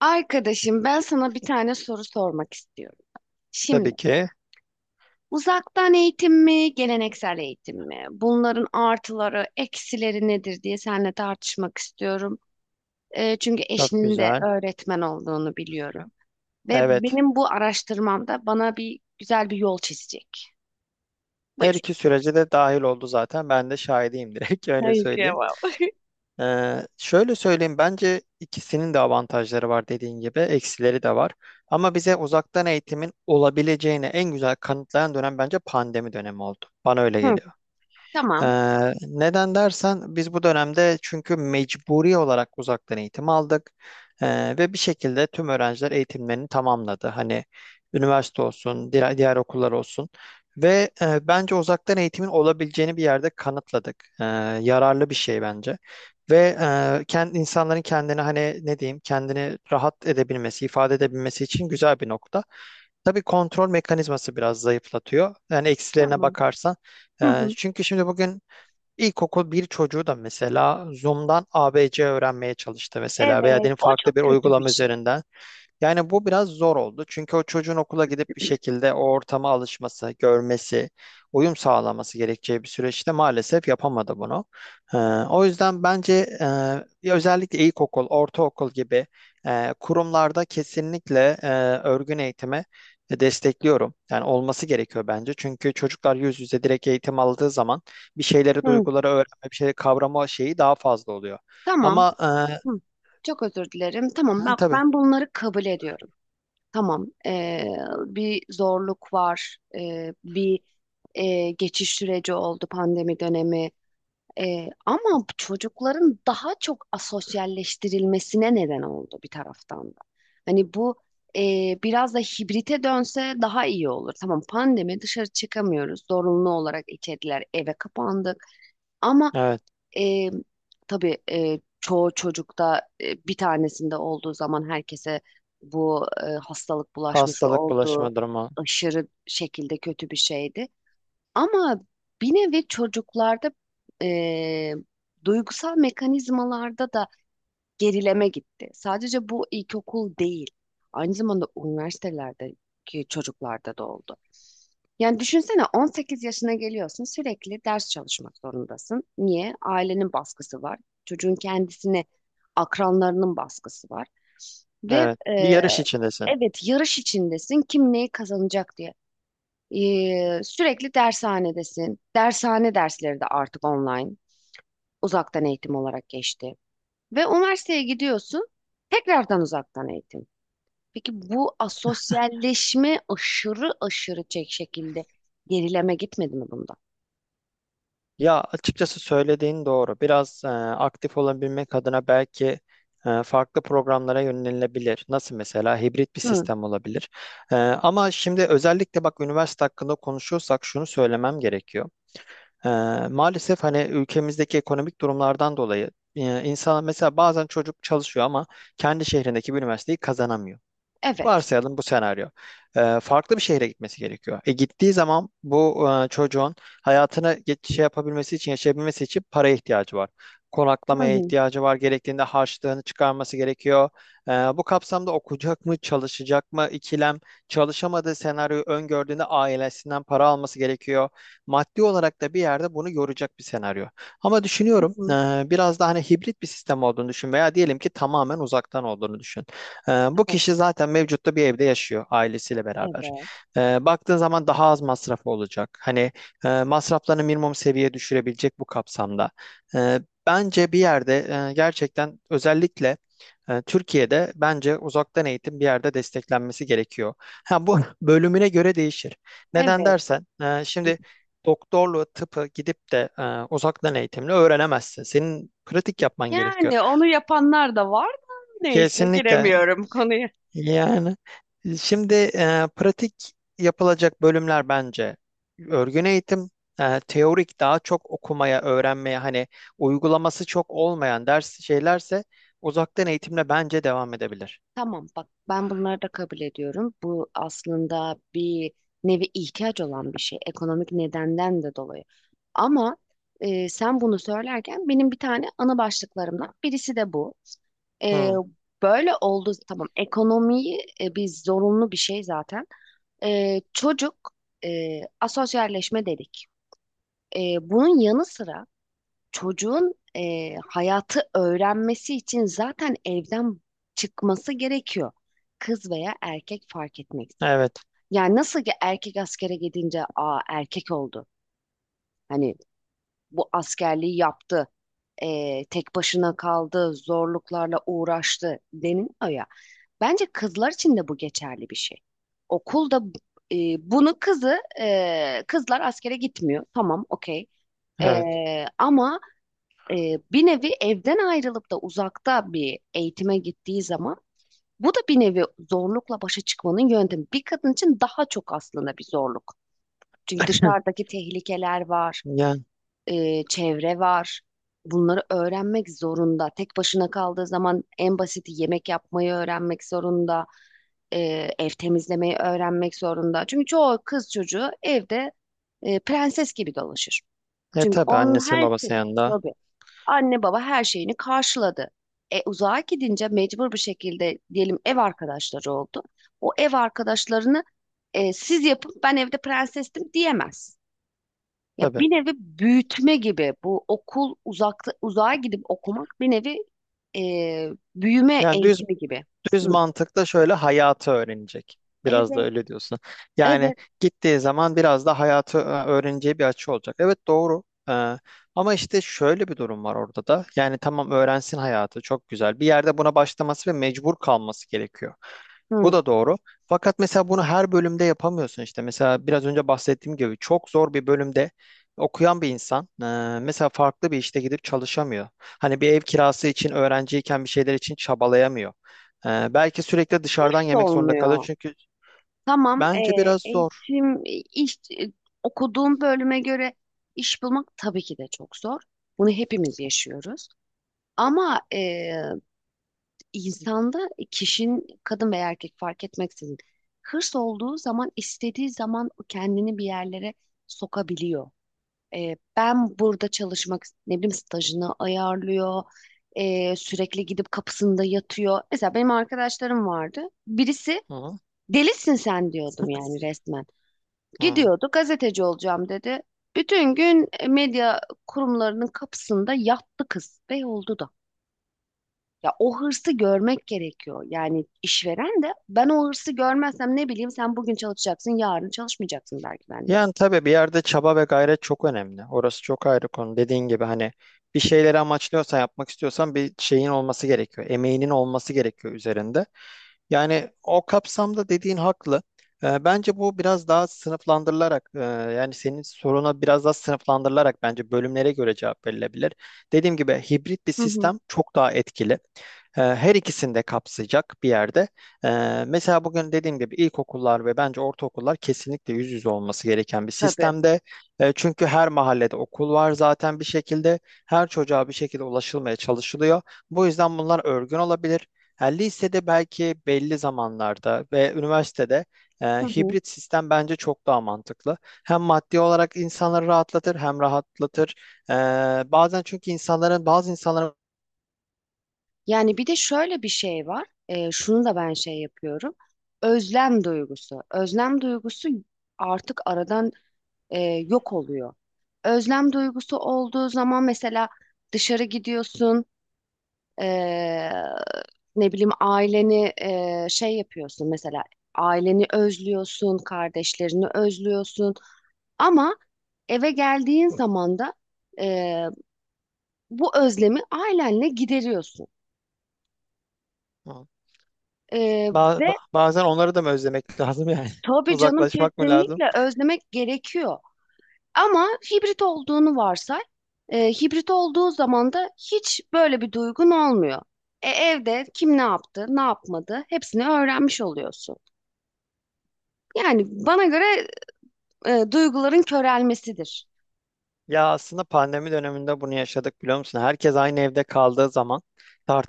Arkadaşım ben sana bir tane soru sormak istiyorum. Tabii Şimdi ki. uzaktan eğitim mi, geleneksel eğitim mi? Bunların artıları, eksileri nedir diye seninle tartışmak istiyorum. Çünkü Çok eşinin de güzel. öğretmen olduğunu biliyorum. Ve Evet. benim bu araştırmamda bana bir güzel bir yol çizecek. Buyur. Her iki sürece de dahil oldu zaten. Ben de şahidiyim direkt öyle Hayır, söyleyeyim. kıyamam. Şöyle söyleyeyim bence ikisinin de avantajları var dediğin gibi eksileri de var. Ama bize uzaktan eğitimin olabileceğini en güzel kanıtlayan dönem bence pandemi dönemi oldu. Bana öyle Hı, geliyor. Ee, tamam. neden dersen biz bu dönemde çünkü mecburi olarak uzaktan eğitim aldık. Ve bir şekilde tüm öğrenciler eğitimlerini tamamladı. Hani üniversite olsun, diğer okullar olsun ve bence uzaktan eğitimin olabileceğini bir yerde kanıtladık. Ee, yararlı bir şey bence. Ve kendi insanların kendini hani ne diyeyim kendini rahat edebilmesi, ifade edebilmesi için güzel bir nokta. Tabii kontrol mekanizması biraz zayıflatıyor. Yani eksilerine Tamam. bakarsan. Hı Ee, hı. çünkü şimdi bugün İlkokul bir çocuğu da mesela Zoom'dan ABC öğrenmeye çalıştı mesela veya Evet, diyelim o farklı çok bir kötü bir uygulama şey. üzerinden. Yani bu biraz zor oldu. Çünkü o çocuğun okula gidip bir şekilde o ortama alışması, görmesi, uyum sağlaması gerekeceği bir süreçte maalesef yapamadı bunu. Ee, o yüzden bence özellikle ilkokul, ortaokul gibi kurumlarda kesinlikle örgün eğitimi destekliyorum. Yani olması gerekiyor bence. Çünkü çocuklar yüz yüze direkt eğitim aldığı zaman bir şeyleri, Hı, duyguları öğrenme, bir şeyleri kavrama şeyi daha fazla oluyor. tamam. Ama Hı, çok özür dilerim. Tamam, hı, bak tabii, ben bunları kabul ediyorum. Tamam. Bir zorluk var. Bir Geçiş süreci oldu pandemi dönemi. Ama bu çocukların daha çok asosyalleştirilmesine neden oldu bir taraftan da. Hani bu biraz da hibrite dönse daha iyi olur. Tamam, pandemi dışarı çıkamıyoruz. Zorunlu olarak içeriler eve kapandık. Ama evet, e, tabii çoğu çocukta bir tanesinde olduğu zaman herkese bu hastalık bulaşması hastalık olduğu bulaşma durumu. aşırı şekilde kötü bir şeydi. Ama bir nevi çocuklarda e, duygusal mekanizmalarda da gerileme gitti. Sadece bu ilkokul değil. Aynı zamanda üniversitelerdeki çocuklarda da oldu. Yani düşünsene, 18 yaşına geliyorsun sürekli ders çalışmak zorundasın. Niye? Ailenin baskısı var. Çocuğun kendisine akranlarının baskısı var. Ve Evet, e, bir yarış içindesin. evet, yarış içindesin kim neyi kazanacak diye. Sürekli dershanedesin. Dershane dersleri de artık online, uzaktan eğitim olarak geçti. Ve üniversiteye gidiyorsun, tekrardan uzaktan eğitim. Peki bu asosyalleşme aşırı aşırı çek şekilde gerileme gitmedi mi bunda? Ya açıkçası söylediğin doğru. Biraz aktif olabilmek adına belki farklı programlara yönelilebilir. Nasıl mesela hibrit bir Hı, sistem olabilir. Ama şimdi özellikle bak üniversite hakkında konuşuyorsak şunu söylemem gerekiyor. E, maalesef hani ülkemizdeki ekonomik durumlardan dolayı insan mesela bazen çocuk çalışıyor ama kendi şehrindeki bir üniversiteyi kazanamıyor. evet. Varsayalım bu senaryo. Farklı bir şehre gitmesi gerekiyor. Gittiği zaman bu çocuğun hayatını şey yapabilmesi için, yaşayabilmesi için paraya ihtiyacı var. Hı Konaklamaya hı. ihtiyacı var. Gerektiğinde harçlığını çıkarması gerekiyor. Bu kapsamda okuyacak mı, çalışacak mı ikilem, çalışamadığı senaryoyu öngördüğünde ailesinden para alması gerekiyor. Maddi olarak da bir yerde bunu yoracak bir senaryo. Ama Hı düşünüyorum hı. Biraz da hani hibrit bir sistem olduğunu düşün veya diyelim ki tamamen uzaktan olduğunu düşün. Bu Tamam. kişi zaten mevcutta bir evde yaşıyor ailesiyle beraber. Evet. Baktığın zaman daha az masrafı olacak. Hani masraflarını minimum seviyeye düşürebilecek bu kapsamda. Ee, bence bir yerde gerçekten özellikle Türkiye'de bence uzaktan eğitim bir yerde desteklenmesi gerekiyor. Ha, bu bölümüne göre değişir. Neden Evet. dersen, şimdi doktorluğu, tıpı gidip de uzaktan eğitimle öğrenemezsin. Senin pratik yapman gerekiyor. Yani onu yapanlar da var da neyse Kesinlikle giremiyorum konuya. yani şimdi pratik yapılacak bölümler bence örgün eğitim, teorik daha çok okumaya, öğrenmeye hani uygulaması çok olmayan ders şeylerse uzaktan eğitimle bence devam edebilir. Tamam, bak ben bunları da kabul ediyorum. Bu aslında bir nevi ihtiyaç olan bir şey. Ekonomik nedenden de dolayı. Ama Sen bunu söylerken benim bir tane ana başlıklarımdan birisi de bu. E, Hı, Böyle oldu, tamam ekonomiyi biz zorunlu bir şey zaten. Çocuk asosyalleşme dedik. E, Bunun yanı sıra çocuğun hayatı öğrenmesi için zaten evden çıkması gerekiyor. Kız veya erkek fark etmek. evet, Yani nasıl ki erkek askere gidince aa erkek oldu. Hani bu askerliği yaptı. Tek başına kaldı, zorluklarla uğraştı deniliyor ya. Bence kızlar için de bu geçerli bir şey. Okulda e, kızlar askere gitmiyor. Tamam, okey. Evet. Ama e, bir nevi evden ayrılıp da uzakta bir eğitime gittiği zaman bu da bir nevi zorlukla başa çıkmanın yöntemi. Bir kadın için daha çok aslında bir zorluk. Çünkü dışarıdaki tehlikeler var, Yani çevre var. Bunları öğrenmek zorunda. Tek başına kaldığı zaman en basiti yemek yapmayı öğrenmek zorunda. e, Ev temizlemeyi öğrenmek zorunda. Çünkü çoğu kız çocuğu evde prenses gibi dolaşır. Çünkü tabii onun annesinin her şey... babasının yanında Tabii. Anne baba her şeyini karşıladı. Uzağa gidince mecbur bir şekilde diyelim ev arkadaşları oldu. O ev arkadaşlarını siz yapın ben evde prensestim diyemez. Ya tabii. bir nevi büyütme gibi, bu okul uzakta uzağa gidip okumak bir nevi büyüme Yani düz eğitimi gibi. Düz Hı. mantıkla şöyle hayatı öğrenecek. Biraz da Evet, öyle diyorsun. Yani evet. gittiği zaman biraz da hayatı öğreneceği bir açı olacak. Evet doğru. Ee, ama işte şöyle bir durum var orada da. Yani tamam öğrensin hayatı çok güzel. Bir yerde buna başlaması ve mecbur kalması gerekiyor. Bu Hı. da doğru. Fakat mesela bunu her bölümde yapamıyorsun işte. Mesela biraz önce bahsettiğim gibi çok zor bir bölümde okuyan bir insan mesela farklı bir işte gidip çalışamıyor. Hani bir ev kirası için öğrenciyken bir şeyler için çabalayamıyor. Belki sürekli dışarıdan Hiç yemek zorunda kalıyor olmuyor. çünkü Tamam, bence biraz zor. eğitim, iş, okuduğum bölüme göre iş bulmak tabii ki de çok zor. Bunu hepimiz yaşıyoruz. Ama e, insanda kişinin kadın veya erkek fark etmeksizin hırs olduğu zaman istediği zaman kendini bir yerlere sokabiliyor. Ben burada çalışmak, ne bileyim stajını ayarlıyor. Sürekli gidip kapısında yatıyor. Mesela benim arkadaşlarım vardı. Birisi Hı delisin sen diyordum yani resmen. hı. Gidiyordu, gazeteci olacağım dedi. Bütün gün medya kurumlarının kapısında yattı kız ve oldu da. Ya o hırsı görmek gerekiyor. Yani işveren de ben o hırsı görmezsem ne bileyim sen bugün çalışacaksın, yarın çalışmayacaksın belki benimle. Yani tabii bir yerde çaba ve gayret çok önemli. Orası çok ayrı konu. Dediğin gibi hani bir şeyleri amaçlıyorsan yapmak istiyorsan bir şeyin olması gerekiyor. Emeğinin olması gerekiyor üzerinde. Yani o kapsamda dediğin haklı. Bence bu biraz daha sınıflandırılarak yani senin soruna biraz daha sınıflandırılarak bence bölümlere göre cevap verilebilir. Dediğim gibi hibrit bir Hı hı. sistem çok daha etkili. Her ikisini de kapsayacak bir yerde. E, Mesela bugün dediğim gibi ilkokullar ve bence ortaokullar kesinlikle yüz yüze olması gereken bir Tabii. sistemde. Çünkü her mahallede okul var zaten bir şekilde. Her çocuğa bir şekilde ulaşılmaya çalışılıyor. Bu yüzden bunlar örgün olabilir. Yani lisede belki belli zamanlarda ve üniversitede Hı hı. hibrit sistem bence çok daha mantıklı. Hem maddi olarak insanları rahatlatır hem rahatlatır. E, bazen çünkü bazı insanların Yani bir de şöyle bir şey var. Şunu da ben şey yapıyorum. Özlem duygusu. Özlem duygusu artık aradan e, yok oluyor. Özlem duygusu olduğu zaman mesela dışarı gidiyorsun. Ee, Ne bileyim aileni şey yapıyorsun, mesela aileni özlüyorsun, kardeşlerini özlüyorsun ama eve geldiğin zaman da e, bu özlemi ailenle gideriyorsun. E, Ve bazen onları da mı özlemek lazım yani? tabii canım Uzaklaşmak mı lazım? kesinlikle özlemek gerekiyor ama hibrit olduğunu varsay. Hibrit olduğu zaman da hiç böyle bir duygun olmuyor. Evde kim ne yaptı, ne yapmadı hepsini öğrenmiş oluyorsun. Yani bana göre duyguların körelmesidir. Ya aslında pandemi döneminde bunu yaşadık biliyor musun? Herkes aynı evde kaldığı zaman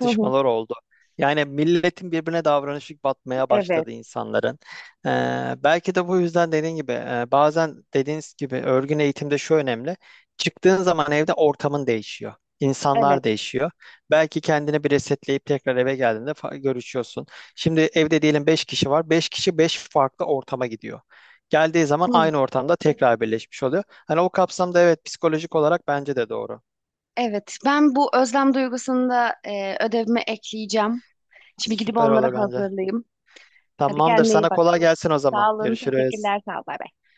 Hı hı. oldu. Yani milletin birbirine davranışı batmaya Evet, başladı insanların. Belki de bu yüzden dediğin gibi bazen dediğiniz gibi örgün eğitimde şu önemli. Çıktığın zaman evde ortamın değişiyor. evet. İnsanlar değişiyor. Belki kendini bir resetleyip tekrar eve geldiğinde görüşüyorsun. Şimdi evde diyelim 5 kişi var. Beş kişi 5 farklı ortama gidiyor. Geldiği zaman Hı. aynı ortamda tekrar birleşmiş oluyor. Hani o kapsamda evet psikolojik olarak bence de doğru. Evet, ben bu özlem duygusunu da ödevime ekleyeceğim. Şimdi gidip Süper onları olur bence. hazırlayayım. Hadi Tamamdır. kendine iyi Sana bak. kolay gelsin o zaman. Sağ olun, Görüşürüz. teşekkürler, sağ ol. Bay bay.